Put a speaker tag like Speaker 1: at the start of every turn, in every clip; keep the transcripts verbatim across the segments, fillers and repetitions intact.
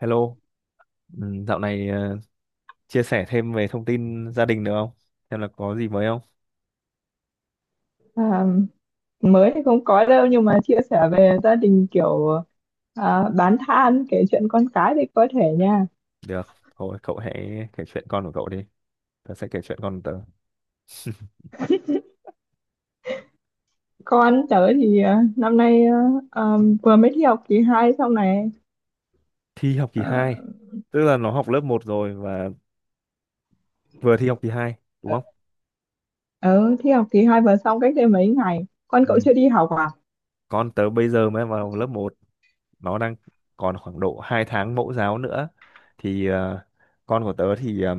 Speaker 1: Hello, ừ, dạo này ờ, chia sẻ thêm về thông tin gia đình được không? Xem là có gì mới không?
Speaker 2: À, mới thì không có đâu nhưng mà chia sẻ về gia đình kiểu à, bán than kể chuyện con cái thì có thể nha.
Speaker 1: Được, thôi cậu hãy kể chuyện con của cậu đi. Tớ sẽ kể chuyện con của tớ.
Speaker 2: Con tớ thì à, năm nay à, à, vừa mới thi học kỳ hai xong này.
Speaker 1: Thi học kỳ
Speaker 2: à,
Speaker 1: hai, tức là nó học lớp một rồi và vừa thi học kỳ hai đúng không?
Speaker 2: ừ, thi học kỳ hai vừa xong cách đây mấy ngày. Con
Speaker 1: Ừ.
Speaker 2: cậu chưa đi học à?
Speaker 1: Con tớ bây giờ mới vào lớp một, nó đang còn khoảng độ hai tháng mẫu giáo nữa. Thì ờ, con của tớ thì ờ,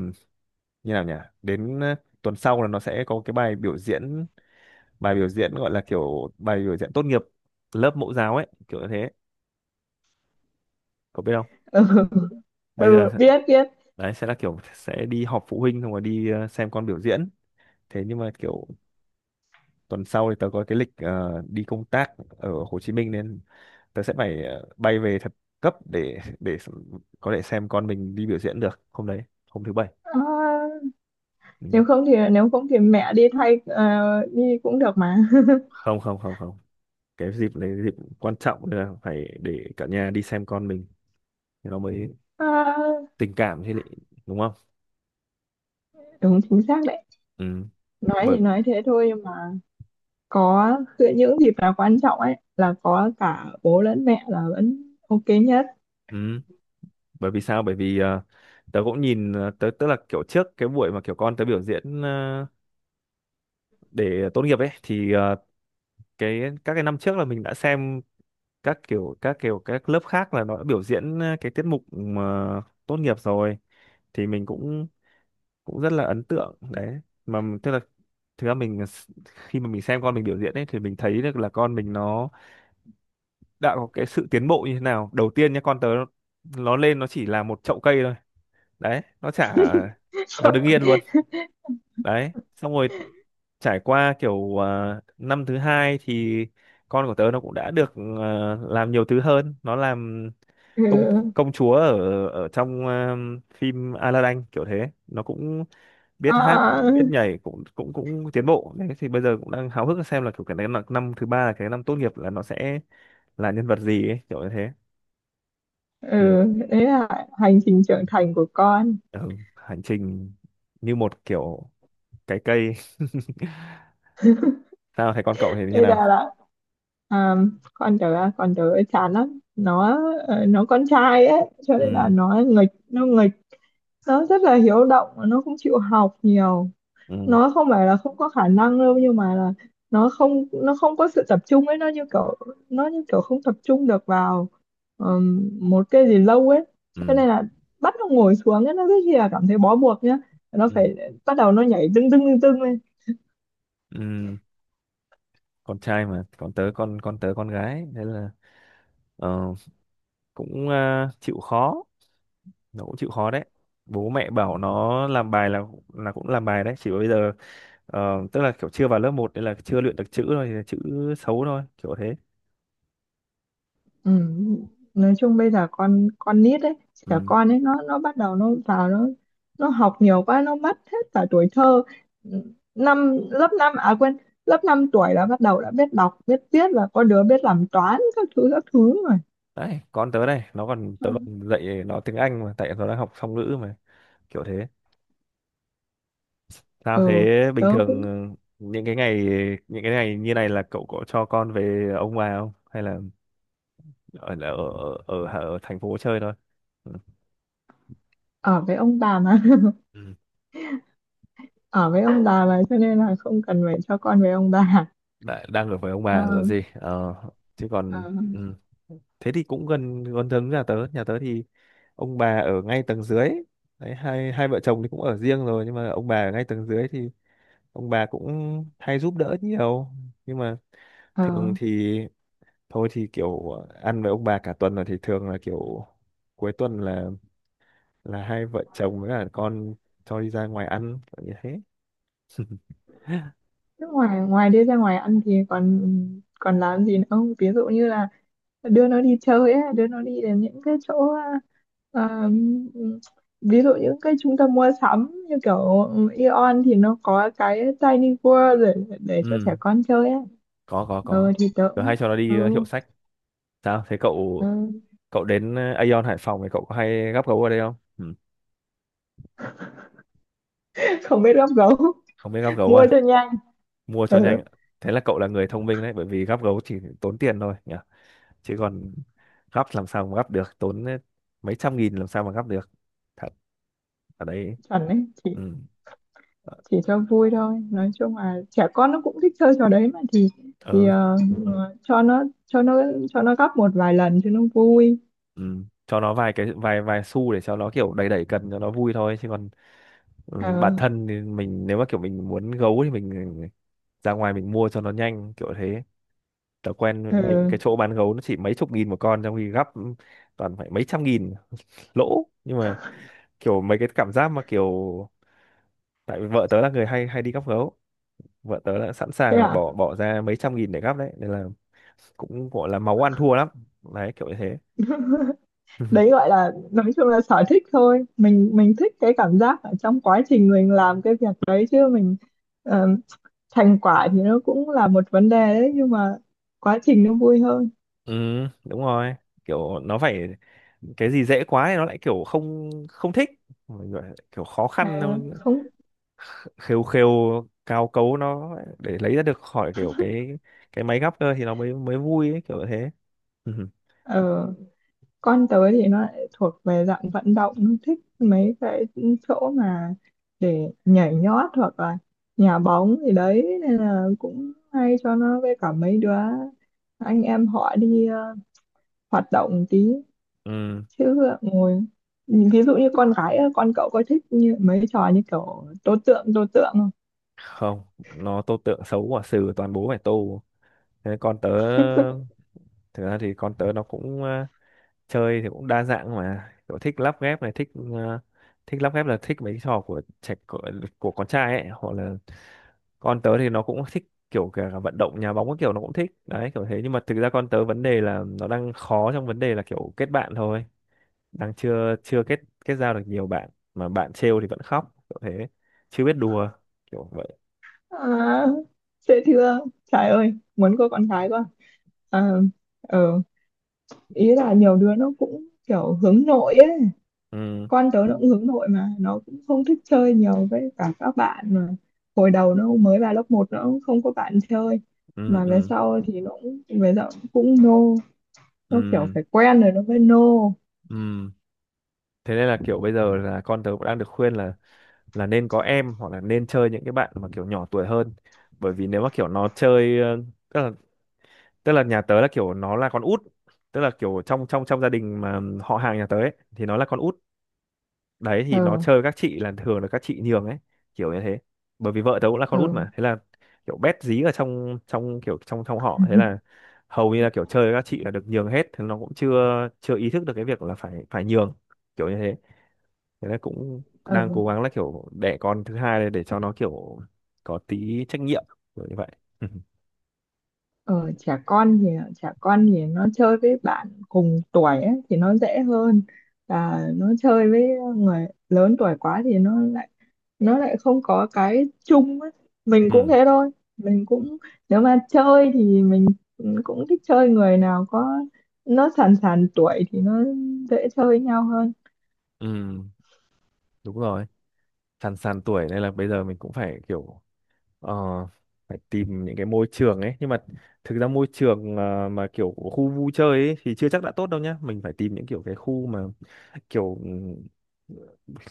Speaker 1: như nào nhỉ? Đến ờ, tuần sau là nó sẽ có cái bài biểu diễn bài biểu diễn gọi là kiểu bài biểu diễn tốt nghiệp lớp mẫu giáo ấy kiểu như thế, cậu biết không?
Speaker 2: Ừ,
Speaker 1: Bây giờ
Speaker 2: ừ, biết biết.
Speaker 1: đấy sẽ là kiểu sẽ đi họp phụ huynh xong rồi đi ờ, xem con biểu diễn. Thế nhưng mà kiểu tuần sau thì tớ có cái lịch ờ, đi công tác ở Hồ Chí Minh, nên tớ sẽ phải ờ, bay về thật cấp để để có thể xem con mình đi biểu diễn được hôm đấy, hôm thứ bảy.
Speaker 2: à,
Speaker 1: Ừ.
Speaker 2: Nếu không thì nếu không thì mẹ đi thay, ờ, đi cũng được mà.
Speaker 1: không không không không cái dịp đấy dịp quan trọng nên là phải để cả nhà đi xem con mình thì nó mới
Speaker 2: à,
Speaker 1: tình cảm chứ lị, đúng không?
Speaker 2: Đúng, chính xác đấy.
Speaker 1: Ừ,
Speaker 2: Nói
Speaker 1: bởi
Speaker 2: thì nói thế thôi nhưng mà có, giữa những dịp nào quan trọng ấy là có cả bố lẫn mẹ là vẫn ok nhất.
Speaker 1: ừ, bởi vì sao? Bởi vì ờ, tớ cũng nhìn ờ, tớ tức là kiểu trước cái buổi mà kiểu con tớ biểu diễn ờ, để tốt nghiệp ấy thì ờ, cái các cái năm trước là mình đã xem các kiểu các kiểu các lớp khác là nó đã biểu diễn ờ, cái tiết mục mà tốt nghiệp rồi, thì mình cũng cũng rất là ấn tượng đấy. Mà m- tức là thực ra mình s- khi mà mình xem con mình biểu diễn ấy thì mình thấy được là con mình nó đã có cái sự tiến bộ như thế nào. Đầu tiên nha, con tớ nó lên nó chỉ là một chậu cây thôi, đấy nó chả nó đứng yên luôn. Đấy xong rồi trải qua kiểu à, năm thứ hai thì con của tớ nó cũng đã được à, làm nhiều thứ hơn, nó làm
Speaker 2: Ừ.
Speaker 1: công công chúa ở ở trong à, phim Aladdin kiểu thế. Nó cũng biết hát
Speaker 2: À,
Speaker 1: biết nhảy, cũng cũng cũng tiến bộ đấy. Thì bây giờ cũng đang háo hức xem là kiểu cái năm năm thứ ba là cái năm tốt nghiệp là nó sẽ là nhân vật gì ấy, kiểu như thế. Ừ.
Speaker 2: ừ. Đấy là hành trình trưởng thành của con.
Speaker 1: Ừ, hành trình như một kiểu cái cây. Sao thấy con cậu thì như
Speaker 2: Đây là
Speaker 1: nào?
Speaker 2: là à, con tớ, con tớ chán lắm nó. Ờ, nó con trai ấy, cho nên là
Speaker 1: Ừ,
Speaker 2: nó nghịch nó nghịch. Nó rất là hiếu động, nó không chịu học nhiều.
Speaker 1: ừ,
Speaker 2: Nó không phải là không có khả năng đâu nhưng mà là nó không nó không có sự tập trung ấy. Nó như kiểu nó như kiểu không tập trung được vào ờm, một cái gì lâu ấy. Cho
Speaker 1: ừ,
Speaker 2: nên là bắt nó ngồi xuống ấy, nó rất là cảm thấy bó buộc nhá. Nó
Speaker 1: ừ,
Speaker 2: phải bắt đầu nó nhảy tưng tưng tưng tưng lên.
Speaker 1: ừ, con trai mà. Còn tớ con con tớ con gái nên là ờ, cũng à, chịu khó, nó cũng chịu khó đấy. Bố mẹ bảo nó làm bài là là cũng làm bài đấy. Chỉ bây giờ ờ, tức là kiểu chưa vào lớp một nên là chưa luyện được chữ thôi, thì chữ xấu thôi kiểu thế.
Speaker 2: Ừ. Nói chung bây giờ con con nít ấy, trẻ
Speaker 1: Ừ.
Speaker 2: con ấy, nó nó bắt đầu nó vào nó nó học nhiều quá nó mất hết cả tuổi thơ. Năm lớp năm, à quên, lớp năm tuổi là bắt đầu đã biết đọc biết viết và có đứa biết làm toán các thứ các thứ rồi.
Speaker 1: Đấy con tớ đây nó còn tớ còn dạy nó tiếng Anh, mà tại nó đang học song ngữ mà, kiểu thế. Sao
Speaker 2: Ừ,
Speaker 1: thế? Bình
Speaker 2: tớ
Speaker 1: thường
Speaker 2: cũng
Speaker 1: ờ, những cái ngày những cái ngày như này là cậu có cho con về ông bà không, hay là ở ở ở, ở, ở thành phố chơi thôi? Ừ.
Speaker 2: ở với ông bà mà.
Speaker 1: Ừ.
Speaker 2: Ở với ông bà mà, cho nên là không cần phải cho con với ông bà.
Speaker 1: Đã, đang ở với ông
Speaker 2: ờ
Speaker 1: bà rồi gì. Ờ, chứ
Speaker 2: ờ
Speaker 1: còn ừ. Thế thì cũng gần gần giống nhà tớ. Nhà tớ thì ông bà ở ngay tầng dưới đấy. Hai hai vợ chồng thì cũng ở riêng rồi, nhưng mà ông bà ở ngay tầng dưới thì ông bà cũng hay giúp đỡ nhiều. Nhưng mà
Speaker 2: ờ
Speaker 1: thường thì thôi thì kiểu ăn với ông bà cả tuần rồi, thì thường là kiểu cuối tuần là là hai vợ chồng với cả con cho đi ra ngoài ăn kiểu như thế.
Speaker 2: Thế ngoài ngoài đi ra ngoài ăn thì còn còn làm gì nữa không? Ví dụ như là đưa nó đi chơi ấy, đưa nó đi đến những cái chỗ, à, ví dụ những cái trung tâm mua sắm như kiểu Aeon thì nó có cái Tiny World để, để cho trẻ
Speaker 1: Ừ,
Speaker 2: con chơi ấy.
Speaker 1: có có
Speaker 2: Ờ
Speaker 1: có
Speaker 2: thì tớ
Speaker 1: tớ
Speaker 2: cũng.
Speaker 1: hay cho nó đi ờ,
Speaker 2: Ừ,
Speaker 1: hiệu sách. Sao? Thế cậu
Speaker 2: ừ.
Speaker 1: cậu đến ờ, Aeon Hải Phòng thì cậu có hay gắp gấu ở đây không? Ừ.
Speaker 2: Không biết gấp gấu.
Speaker 1: Không biết gắp gấu
Speaker 2: Mua cho
Speaker 1: à?
Speaker 2: nhanh.
Speaker 1: Mua cho nhanh.
Speaker 2: Ừ,
Speaker 1: Ạ. Thế là cậu là người thông minh đấy, bởi vì gắp gấu chỉ tốn tiền thôi nhỉ. Chứ còn gắp làm sao mà gắp được, tốn ờ, mấy trăm nghìn làm sao mà gắp được. Thật ở đấy.
Speaker 2: chuẩn đấy. Chỉ
Speaker 1: Ừ. Ờ,
Speaker 2: chỉ cho vui thôi, nói chung là trẻ con nó cũng thích chơi trò đấy mà thì thì
Speaker 1: ừ.
Speaker 2: ờ, Ừ. Cho nó cho nó cho nó gấp một vài lần cho nó vui.
Speaker 1: Ừ. Cho nó vài cái vài vài xu để cho nó kiểu đẩy đẩy cần cho nó vui thôi, chứ còn ừ, bản
Speaker 2: ờ
Speaker 1: thân thì mình nếu mà kiểu mình muốn gấu thì mình ừ, ra ngoài mình mua cho nó nhanh kiểu thế. Tớ quen những cái
Speaker 2: ừ.
Speaker 1: chỗ bán gấu nó chỉ mấy chục nghìn một con, trong khi gắp toàn phải mấy trăm nghìn lỗ. Nhưng mà kiểu mấy cái cảm giác mà kiểu tại vì vợ tớ là người hay hay đi gắp gấu, vợ tớ đã sẵn
Speaker 2: Thế
Speaker 1: sàng là
Speaker 2: à?
Speaker 1: bỏ bỏ ra mấy trăm nghìn để gắp đấy, nên là cũng gọi là máu ăn thua lắm đấy, kiểu như thế.
Speaker 2: Đấy gọi là, nói chung là sở thích thôi. Mình mình thích cái cảm giác ở trong quá trình mình làm cái việc đấy, chứ mình, ờ, thành quả thì nó cũng là một vấn đề đấy nhưng mà quá trình nó vui hơn.
Speaker 1: Ừ, đúng rồi, kiểu nó phải cái gì dễ quá thì nó lại kiểu không không thích. Mọi người kiểu khó khăn,
Speaker 2: À, không.
Speaker 1: khêu khêu cao cấu nó để lấy ra được khỏi kiểu cái cái máy gấp cơ thì nó mới mới vui ấy, kiểu thế.
Speaker 2: ờ, con tớ thì nó lại thuộc về dạng vận động, nó thích mấy cái chỗ mà để nhảy nhót hoặc là nhà bóng gì đấy nên là cũng hay cho nó với cả mấy đứa anh em họ đi, ờ, hoạt động tí,
Speaker 1: Ừ.
Speaker 2: chứ ngồi. Ví dụ như con gái á, con cậu có thích như mấy trò như kiểu tố tượng tố tượng không?
Speaker 1: Không, nó tô tượng xấu quả sừ, toàn bố phải tô. Thế con tớ thực ra thì con tớ nó cũng ờ, chơi thì cũng đa dạng, mà kiểu thích lắp ghép này, thích ờ, thích lắp ghép là thích mấy cái trò của trẻ của, của con trai ấy. Hoặc là con tớ thì nó cũng thích kiểu cả vận động nhà bóng các kiểu, nó cũng thích đấy kiểu thế. Nhưng mà thực ra con tớ vấn đề là nó đang khó trong vấn đề là kiểu kết bạn thôi, đang chưa chưa kết kết giao được nhiều bạn, mà bạn trêu thì vẫn khóc kiểu thế, chưa biết đùa kiểu vậy.
Speaker 2: à, Dễ thương. Trời ơi, muốn có con gái quá. à, ừ. Ý là nhiều đứa nó cũng kiểu hướng nội ấy.
Speaker 1: Ừ,
Speaker 2: Con tớ nó cũng hướng nội, mà nó cũng không thích chơi nhiều với cả các bạn, mà hồi đầu nó mới vào lớp một nó cũng không có bạn chơi,
Speaker 1: ừ,
Speaker 2: mà về
Speaker 1: ừ,
Speaker 2: sau thì nó cũng về sau cũng nô. Nó kiểu
Speaker 1: ừ,
Speaker 2: phải quen rồi nó mới nô.
Speaker 1: ừ, thế nên là kiểu bây giờ là con tớ cũng đang được khuyên là là nên có em hoặc là nên chơi những cái bạn mà kiểu nhỏ tuổi hơn. Bởi vì nếu mà kiểu nó chơi ờ, tức là tức là nhà tớ là kiểu nó là con út, tức là kiểu trong trong trong gia đình mà họ hàng nhà tớ ấy thì nó là con út. Đấy thì nó
Speaker 2: Ừ,
Speaker 1: chơi các chị là thường là các chị nhường ấy kiểu như thế, bởi vì vợ tớ cũng là con út
Speaker 2: ừ,
Speaker 1: mà. Thế là kiểu bét dí ở trong trong kiểu trong trong họ, thế là hầu như là kiểu chơi với các chị là được nhường hết, thì nó cũng chưa chưa ý thức được cái việc là phải phải nhường kiểu như thế. Thế là cũng đang
Speaker 2: ừ.
Speaker 1: cố gắng là kiểu đẻ con thứ hai này để cho nó kiểu có tí trách nhiệm kiểu như vậy.
Speaker 2: Ờ, trẻ con thì trẻ con thì nó chơi với bạn cùng tuổi ấy, thì nó dễ hơn, và nó chơi với người lớn tuổi quá thì nó lại nó lại không có cái chung ấy. Mình cũng
Speaker 1: Ừ,
Speaker 2: thế thôi, mình cũng nếu mà chơi thì mình cũng thích chơi người nào có nó sàn sàn tuổi thì nó dễ chơi với nhau hơn.
Speaker 1: ừ, đúng rồi, sàn sàn tuổi, nên là bây giờ mình cũng phải kiểu ờ, phải tìm những cái môi trường ấy. Nhưng mà thực ra môi trường à, mà kiểu khu vui chơi ấy thì chưa chắc đã tốt đâu nhá, mình phải tìm những kiểu cái khu mà kiểu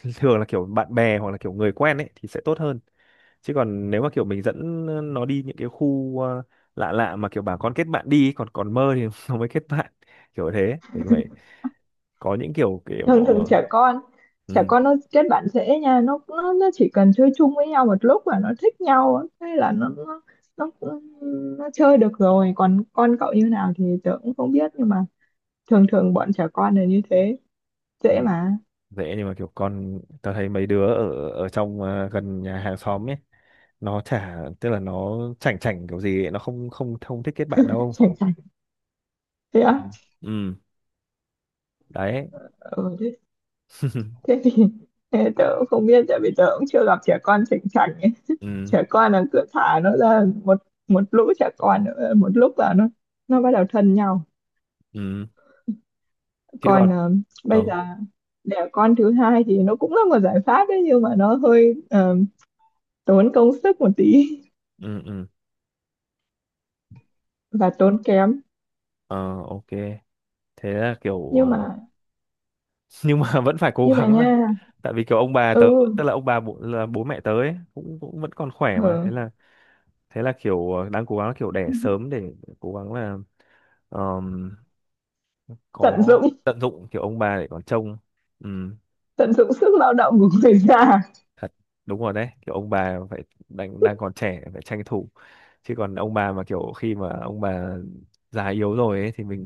Speaker 1: ừ, thường là kiểu bạn bè hoặc là kiểu người quen ấy thì sẽ tốt hơn. Chứ còn nếu mà kiểu mình dẫn nó đi những cái khu à, lạ lạ mà kiểu bà con kết bạn đi ấy, còn còn mơ thì nó mới kết bạn kiểu thế. Mình phải có những kiểu kiểu
Speaker 2: Thường thường trẻ con, trẻ
Speaker 1: ừ,
Speaker 2: con nó kết bạn dễ nha. Nó nó nó chỉ cần chơi chung với nhau một lúc là nó thích nhau á, thế là nó nó nó, nó chơi được rồi. Còn con cậu như nào thì tớ cũng không biết, nhưng mà thường thường bọn trẻ con là như thế,
Speaker 1: ừ.
Speaker 2: dễ mà.
Speaker 1: Dễ nhưng mà kiểu con tao thấy mấy đứa ở ở trong ờ, gần nhà hàng xóm ấy, nó chả tức là nó chảnh chảnh kiểu gì ấy, nó không không không thích kết bạn đâu.
Speaker 2: Sành sạch? Thế
Speaker 1: Ừ,
Speaker 2: á?
Speaker 1: ừ, đấy.
Speaker 2: Ừ, thế, thế thì thế tớ cũng không biết, tại vì tớ cũng chưa gặp trẻ con sành sạch ấy.
Speaker 1: Ừ,
Speaker 2: Trẻ con là cứ thả nó ra một một lũ trẻ con nữa một lúc là nó nó bắt đầu thân nhau.
Speaker 1: ừ, chứ còn
Speaker 2: Còn, ờ, bây
Speaker 1: ờ
Speaker 2: giờ đẻ con thứ hai thì nó cũng là một giải pháp đấy, nhưng mà nó hơi, ờ, tốn công sức một tí.
Speaker 1: ừ ừ
Speaker 2: Và tốn kém.
Speaker 1: ờ ok, thế là kiểu
Speaker 2: Nhưng
Speaker 1: ờ,
Speaker 2: mà
Speaker 1: nhưng mà vẫn phải cố
Speaker 2: nhưng mà
Speaker 1: gắng là
Speaker 2: nha.
Speaker 1: tại vì kiểu ông bà
Speaker 2: Ừ,
Speaker 1: tớ, tức là ông bà bố, là bố mẹ tớ ấy, cũng cũng vẫn còn khỏe mà. Thế
Speaker 2: ừ,
Speaker 1: là thế là kiểu ờ, đang cố gắng kiểu đẻ sớm để cố gắng là
Speaker 2: tận
Speaker 1: có
Speaker 2: dụng,
Speaker 1: tận dụng kiểu ông bà để còn trông. Ừ,
Speaker 2: tận dụng sức lao động của người già.
Speaker 1: thật đúng rồi đấy, kiểu ông bà phải đang đang còn trẻ phải tranh thủ. Chứ còn ông bà mà kiểu khi mà ông bà già yếu rồi ấy thì mình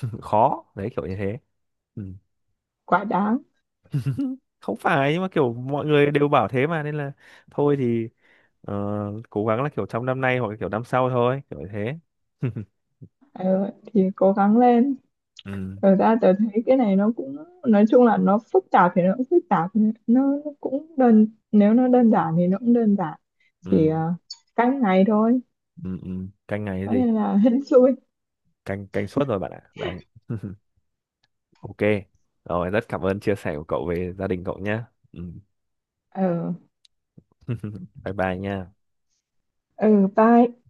Speaker 1: khó đấy kiểu như thế. Ừ.
Speaker 2: Quá đáng.
Speaker 1: Không phải, nhưng mà kiểu mọi người đều bảo thế mà, nên là thôi thì ờ, cố gắng là kiểu trong năm nay hoặc là kiểu năm sau thôi, kiểu như thế. Ừ,
Speaker 2: Ờ, thì cố gắng lên. Thật ra tớ thấy cái này nó cũng, nói chung là nó phức tạp thì nó cũng phức tạp, nó cũng đơn nếu nó đơn giản thì nó cũng đơn giản, chỉ,
Speaker 1: ừ,
Speaker 2: ờ, cách này thôi,
Speaker 1: ừ, ừ. Canh ngày cái
Speaker 2: cho
Speaker 1: gì,
Speaker 2: nên là hên xui.
Speaker 1: canh canh suốt rồi bạn ạ đấy. Ok, rồi rất cảm ơn chia sẻ của cậu về gia đình cậu nhé. Ừ.
Speaker 2: Ừ,
Speaker 1: Bye bye nha.
Speaker 2: ừ, bye.